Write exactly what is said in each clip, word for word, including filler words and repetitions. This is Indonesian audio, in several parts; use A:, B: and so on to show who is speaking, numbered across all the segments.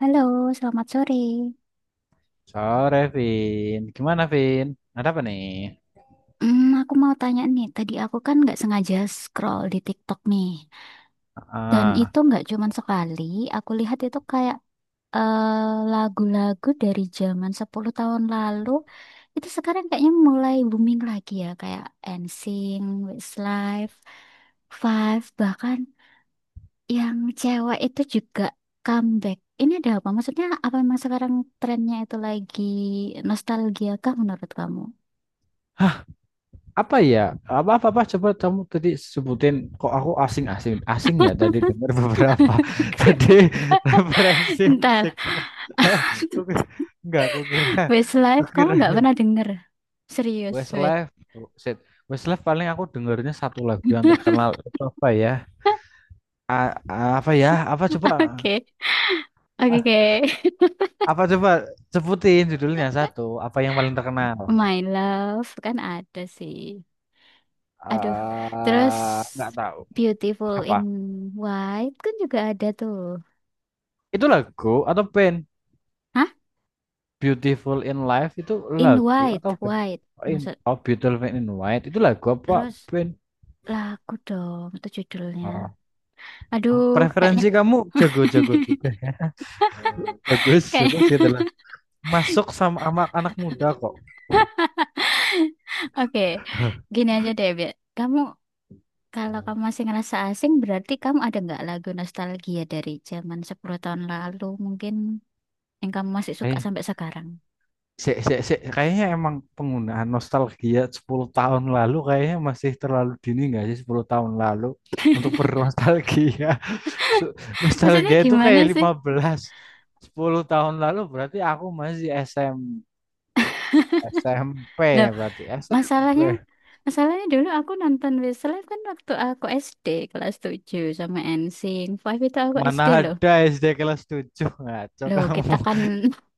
A: Halo, selamat sore.
B: Sore, Vin. Gimana, Vin? Ada apa nih?
A: Hmm, aku mau tanya nih, tadi aku kan nggak sengaja scroll di TikTok nih. Dan
B: Ah,
A: itu nggak cuman sekali, aku lihat itu kayak eh, lagu-lagu dari zaman sepuluh tahun lalu, itu sekarang kayaknya mulai booming lagi ya, kayak NSYNC, Westlife, Five, bahkan yang cewek itu juga comeback. Ini ada apa? Maksudnya apa memang sekarang trennya itu lagi nostalgia kah menurut kamu?
B: hah, Apa ya? Apa, apa, apa? Coba kamu tadi sebutin. Kok aku asing-asing? Asing ya, tadi dengar beberapa. Tadi referensi
A: Bentar,
B: musikmu. Aku kira- Enggak, aku kira.
A: Westlife,
B: Aku
A: kamu
B: kira.
A: nggak pernah denger? Serius, wes.
B: Westlife. Shit. Westlife paling aku dengernya satu lagu yang terkenal. Itu apa ya? A- a- apa ya? Apa coba?
A: Oke, oke,
B: Ah,
A: oke.
B: Apa coba? Sebutin judulnya satu. Apa yang paling terkenal?
A: My Love kan ada sih. Aduh, terus
B: Eh, nggak tahu
A: Beautiful
B: apa
A: in White kan juga ada tuh.
B: itu lagu atau band.
A: Hah?
B: Beautiful in Life itu
A: In
B: lagu
A: White,
B: atau band?
A: White.
B: Oh, in,
A: Maksud
B: oh Beautiful in White itu lagu apa
A: terus,
B: band?
A: lagu dong itu judulnya.
B: Ah, oh,
A: Aduh, kayaknya
B: preferensi kamu jago-jago juga ya. Bagus bagus
A: kayaknya
B: gitu lah, masuk sama anak anak muda kok.
A: oke. Gini aja deh, biar kamu, kalau kamu masih ngerasa asing, berarti kamu ada nggak lagu nostalgia dari zaman sepuluh tahun lalu mungkin yang kamu masih suka
B: Kayak-
A: sampai sekarang?
B: se se sek. Kayaknya emang penggunaan nostalgia sepuluh tahun lalu kayaknya masih terlalu dini, nggak sih? Sepuluh tahun lalu untuk bernostalgia. So,
A: Maksudnya
B: nostalgia itu
A: gimana
B: kayak
A: sih?
B: lima belas, sepuluh tahun lalu berarti aku masih SM SMP
A: Loh,
B: berarti
A: masalahnya
B: SMP.
A: masalahnya dulu aku nonton Westlife kan waktu aku es de kelas tujuh sama NSYNC. Five itu aku
B: Mana
A: es de loh.
B: ada SD kelas tujuh, ngaco
A: Loh, kita
B: kamu.
A: kan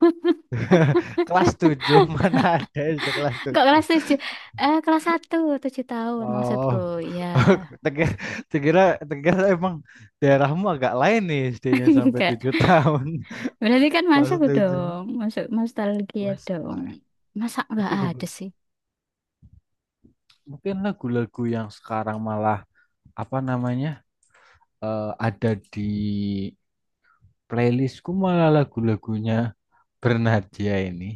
B: Kelas tujuh, mana ada S D kelas
A: kok
B: tujuh?
A: kelas tujuh? Eh, kelas satu, tujuh tahun maksudku.
B: Oh.
A: Ya.
B: Tegar Tegira tegar emang daerahmu agak lain nih, S D-nya sampai
A: Enggak.
B: tujuh tahun.
A: Berarti kan
B: Kelas
A: masuk
B: tujuh.
A: dong. Masuk nostalgia dong.
B: Westlife.
A: Masa nggak
B: Tapi
A: ada
B: be-
A: sih?
B: Mungkin lagu-lagu yang sekarang malah apa namanya? eh, ada di playlistku malah lagu-lagunya Bernadia ini,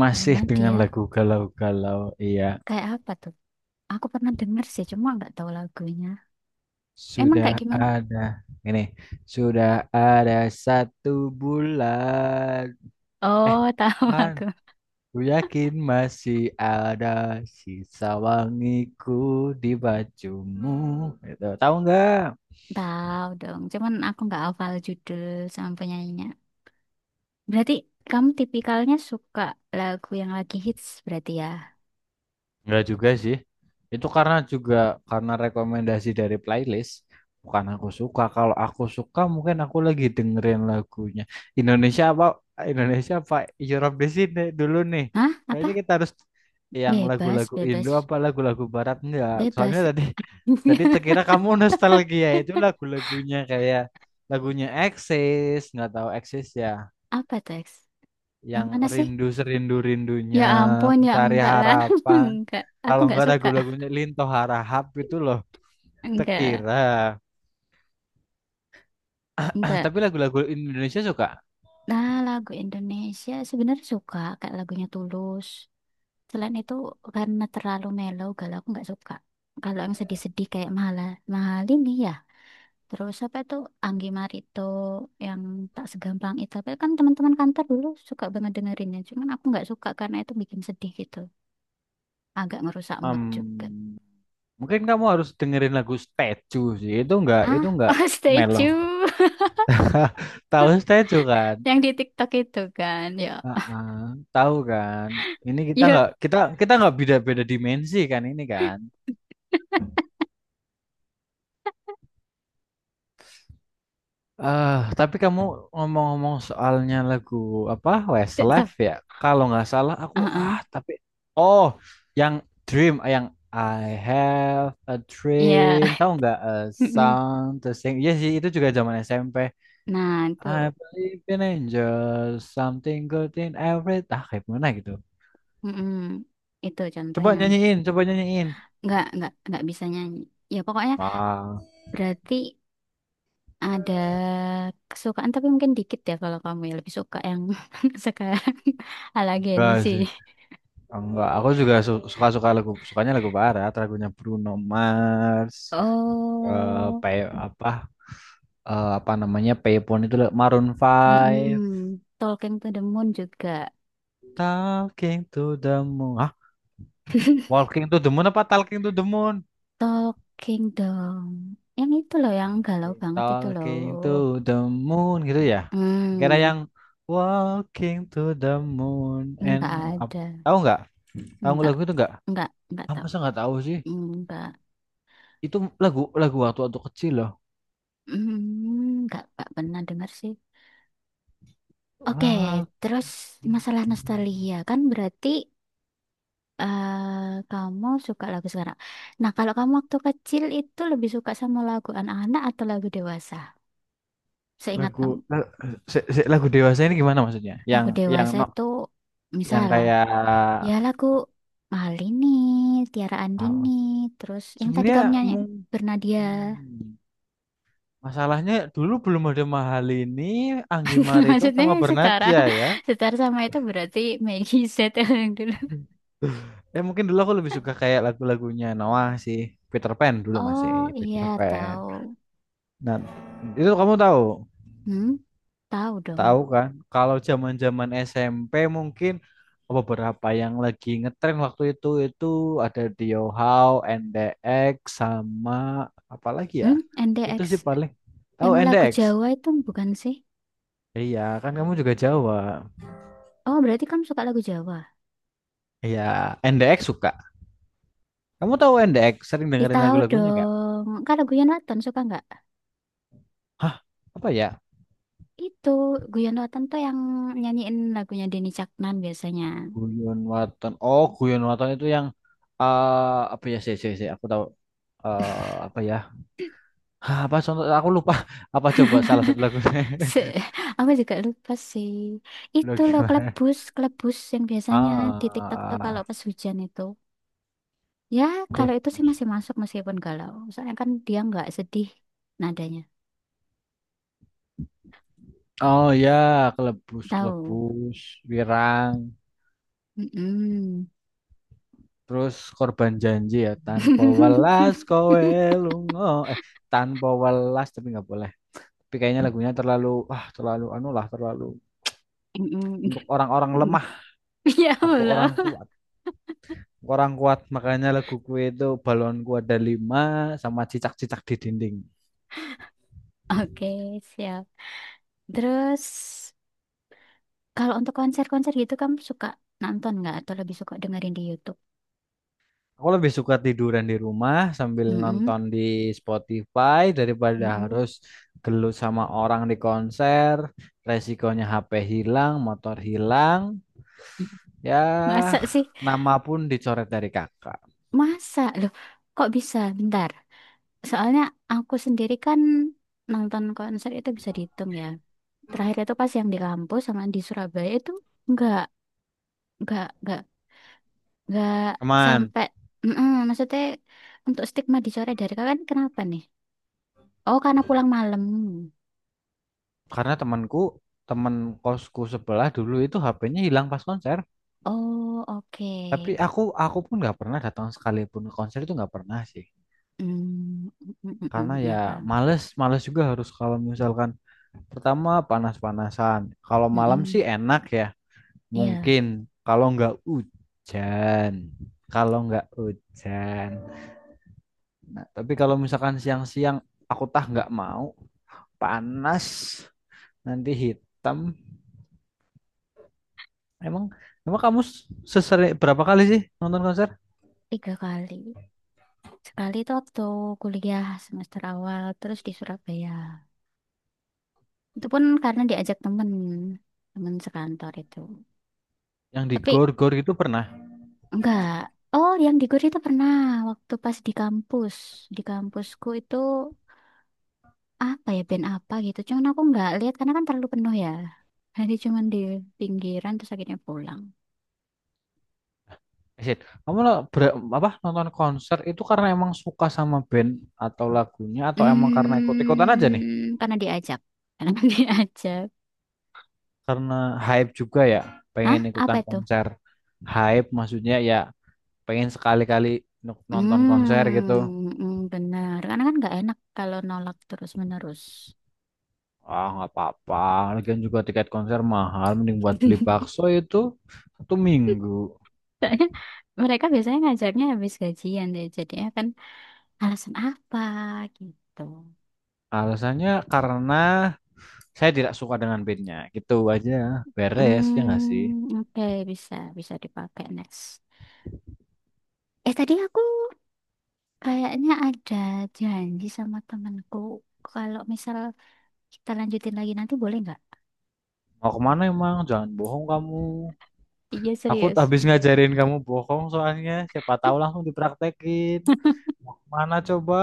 B: masih
A: Pernah
B: dengan
A: dia
B: lagu galau-galau. Iya,
A: kayak apa tuh? Aku pernah denger sih, cuma nggak tahu lagunya. Emang kayak
B: sudah
A: gimana?
B: ada ini sudah ada satu bulan, eh
A: Oh, tahu
B: kan
A: aku.
B: ku yakin masih ada sisa wangiku di bajumu, itu tahu nggak?
A: Tahu dong, cuman aku nggak hafal judul sama penyanyinya. Berarti kamu tipikalnya suka lagu yang lagi hits berarti ya?
B: Enggak juga sih. Itu karena juga karena rekomendasi dari playlist. Bukan aku suka. Kalau aku suka mungkin aku lagi dengerin lagunya. Indonesia apa? Indonesia apa? Europe di sini dulu nih.
A: Hah? Apa?
B: Kayaknya kita harus yang
A: Bebas,
B: lagu-lagu Indo
A: bebas,
B: apa lagu-lagu Barat, enggak. Soalnya
A: bebas.
B: tadi tadi terkira kamu nostalgia itu lagu-lagunya kayak lagunya Axis. Nggak tahu Axis ya,
A: Apa teks? Yang
B: yang
A: mana sih?
B: rindu serindu
A: Ya
B: rindunya
A: ampun, ya
B: mencari
A: enggak lah.
B: harapan,
A: Enggak. Aku
B: kalau
A: enggak
B: nggak
A: suka.
B: lagu-lagunya Linto Harahap itu loh.
A: Enggak.
B: Tekira
A: Enggak.
B: tapi lagu-lagu Indonesia suka.
A: Nah, lagu Indonesia sebenarnya suka kayak lagunya Tulus. Selain itu karena terlalu mellow galau aku nggak suka. Kalau yang sedih-sedih kayak Mahala Mahalini ya. Terus apa itu Anggi Marito yang tak segampang itu. Tapi kan teman-teman kantor dulu suka banget dengerinnya. Cuman aku nggak suka karena itu bikin sedih gitu. Agak ngerusak mood juga.
B: Em, Mungkin kamu harus dengerin lagu Statue sih, itu nggak itu
A: Ah,
B: nggak
A: oh
B: mellow.
A: statue
B: Tahu Statue kan?
A: yang di TikTok itu kan. Ya,
B: Heeh, tahu kan, ini kita
A: ya,
B: nggak kita kita nggak beda-beda dimensi kan, ini kan? Eh, tapi kamu ngomong-ngomong soalnya lagu apa Westlife
A: tetap.
B: ya? Kalau nggak salah aku
A: Ah,
B: ah
A: ah.
B: tapi oh yang Dream, ah, yang I have a
A: Iya.
B: dream, tahu nggak, a
A: Mm-mm.
B: song to sing? Iya sih, itu juga zaman S M P.
A: Nah,
B: I
A: itu.
B: believe in angels, something good in every, ah kayak mana gitu.
A: Mm-mm. Itu
B: Coba
A: contohnya.
B: nyanyiin, coba nyanyiin.
A: Nggak, nggak, nggak bisa nyanyi. Ya pokoknya
B: Ah,
A: berarti ada kesukaan tapi mungkin dikit ya kalau kamu, ya lebih suka yang sekarang ala Gen
B: enggak
A: Z.
B: sih. Enggak, aku juga su- suka-suka lagu, sukanya lagu barat, lagunya Bruno Mars, eh
A: Oh,
B: pay, apa, eh, apa namanya, Payphone itu loh, Maroon Five.
A: mm-mm. Talking to the Moon juga.
B: Talking to the Moon. Hah? Walking to the Moon apa Talking to the Moon?
A: Talking dong. Yang itu loh, yang galau banget itu loh.
B: Talking to the Moon gitu ya. Kira
A: Hmm,
B: yang Walking to the Moon and
A: nggak
B: ap-
A: ada.
B: tahu nggak? Tahu nggak
A: Nggak,
B: lagu itu nggak?
A: nggak, nggak
B: Ah,
A: tahu.
B: masa nggak tahu sih?
A: Hmm, nggak,
B: Itu lagu lagu waktu waktu kecil loh.
A: hmm, nggak, nggak pernah dengar sih. Oke, terus masalah
B: Walking.
A: nostalgia kan berarti eh, kamu suka lagu sekarang. Nah, kalau kamu waktu kecil itu lebih suka sama lagu anak-anak atau lagu dewasa? Seingat
B: Lagu
A: kamu,
B: la- se- se- lagu dewasa ini gimana maksudnya? Yang
A: lagu
B: yang
A: dewasa
B: no,
A: itu
B: yang
A: misal
B: kayak
A: ya lagu Malini, Tiara
B: apa?
A: Andini, terus yang tadi
B: Sebenarnya
A: kamu nyanyi
B: mung-
A: Bernadia.
B: hmm, masalahnya dulu belum ada mahal ini, Anggi Marito
A: Maksudnya
B: sama
A: setara,
B: Bernadja ya.
A: setara sama itu berarti Meggy Z yang dulu.
B: Ya mungkin dulu aku lebih suka kayak lagu-lagunya Noah sih. Peter Pan, dulu masih
A: Oh iya
B: Peter Pan.
A: tahu,
B: Nah, itu kamu tahu.
A: hmm tahu dong,
B: Tahu kan? Kalau zaman-zaman S M P mungkin beberapa yang lagi ngetren waktu itu itu ada Diohao, N D X, sama apa lagi ya?
A: hmm
B: Itu
A: en de eks.
B: sih paling. Tahu
A: Yang lagu
B: N D X?
A: Jawa itu bukan sih?
B: Iya, kan kamu juga Jawa.
A: Oh, berarti kamu suka lagu Jawa?
B: Iya, N D X suka. Kamu tahu N D X? Sering
A: Ya
B: dengerin
A: tahu
B: lagu-lagunya nggak?
A: dong. Kalau Guyon Waton suka nggak?
B: Hah, apa ya?
A: Itu Guyon Waton tuh yang nyanyiin lagunya Denny Caknan biasanya.
B: Guyon Waton. Oh, Guyon Waton itu yang eh apa ya? Si si sih. Aku tahu. eh apa ya? Hah, apa contoh? Aku lupa. Apa coba salah satu lagunya?
A: Se aku juga lupa sih.
B: Lo
A: Itu loh
B: gimana?
A: kelebus, kelebus yang biasanya di TikTok tuh kalau
B: Ah,
A: pas hujan itu. Ya, kalau itu sih
B: Kelebus.
A: masih masuk meskipun galau. Soalnya kan dia nggak sedih nadanya.
B: Oh ya, kelebus,
A: Tahu.
B: kelebus, wirang.
A: Mm-mm.
B: Terus korban janji ya, tanpa welas kowe lunga. Eh, tanpa welas, tapi nggak boleh. Tapi kayaknya lagunya terlalu, ah terlalu anu lah, terlalu
A: Mm-mm.
B: untuk orang-orang lemah.
A: Ya
B: Aku
A: Allah.
B: orang kuat, Aku orang kuat. Makanya laguku itu balonku ada lima sama cicak-cicak di dinding.
A: Oke, siap. Terus kalau untuk konser-konser gitu kamu suka nonton nggak atau lebih suka dengerin di YouTube?
B: Aku lebih suka tiduran di rumah sambil
A: Mm-mm,
B: nonton di Spotify daripada
A: mm-mm.
B: harus gelut sama orang di konser. Resikonya H P hilang, motor hilang. Ya,
A: Masa sih?
B: nama pun dicoret dari kakak.
A: Masa? Loh, kok bisa? Bentar. Soalnya aku sendiri kan nonton konser itu bisa dihitung ya. Terakhir itu pas yang di kampus sama di Surabaya itu nggak, nggak, nggak, nggak
B: Teman,
A: sampai. Mm-mm, maksudnya untuk stigma dicoret dari kalian kenapa nih? Oh, karena pulang malam.
B: karena temanku, teman kosku sebelah dulu itu H P-nya hilang pas konser.
A: Oh, oke.
B: Tapi aku aku pun nggak pernah datang sekalipun ke konser, itu nggak pernah sih.
A: Hmm, mm, mm,
B: Karena
A: mm, ya
B: ya
A: Bang.
B: males, males juga harus kalau misalkan, pertama panas-panasan. Kalau
A: Mm,
B: malam
A: mm.
B: sih enak ya,
A: Iya,
B: mungkin kalau nggak hujan, kalau nggak hujan. Nah, tapi kalau misalkan siang-siang, aku tah nggak mau, panas, nanti hitam. Emang emang kamu sesering berapa kali sih nonton konser?
A: tiga kali. Sekali itu waktu kuliah semester awal, terus di Surabaya. Itu pun karena diajak temen, temen sekantor itu.
B: Yang di
A: Tapi
B: gor-gor itu pernah?
A: enggak. Oh, yang di Gori itu pernah waktu pas di kampus. Di kampusku itu apa ya, band apa gitu. Cuman aku enggak lihat karena kan terlalu penuh ya. Jadi cuman di pinggiran terus akhirnya pulang.
B: Asyik. Kamu lo- ber- apa, nonton konser itu karena emang suka sama band atau lagunya, atau emang karena ikut-ikutan aja nih?
A: Hmm, karena diajak. Karena diajak.
B: Karena hype juga ya,
A: Hah?
B: pengen
A: Apa
B: ikutan
A: itu?
B: konser. Hype maksudnya ya, pengen sekali-kali nuk- nonton konser gitu.
A: Hmm, mm, benar. Karena kan nggak enak kalau nolak terus-menerus.
B: Ah, nggak apa-apa. Lagian juga tiket konser mahal, mending buat beli bakso itu satu minggu.
A: Soalnya mereka biasanya ngajaknya habis gajian deh. Jadinya kan alasan apa gitu.
B: Alasannya karena saya tidak suka dengan bandnya. Gitu aja, beres ya nggak sih?
A: Hmm, oke, bisa bisa dipakai next. Eh tadi aku kayaknya ada janji sama temanku. Kalau misal kita lanjutin lagi nanti boleh nggak?
B: Mau kemana emang? Jangan bohong kamu.
A: Iya
B: Aku
A: serius.
B: habis ngajarin kamu bohong soalnya. Siapa tahu langsung dipraktekin. Mau kemana coba?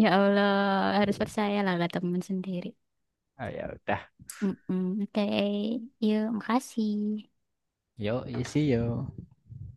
A: Ya Allah, harus percayalah ke teman sendiri.
B: Ah, ya udah.
A: Mm-mm. Oke, yuk, makasih.
B: Yo, isi yo.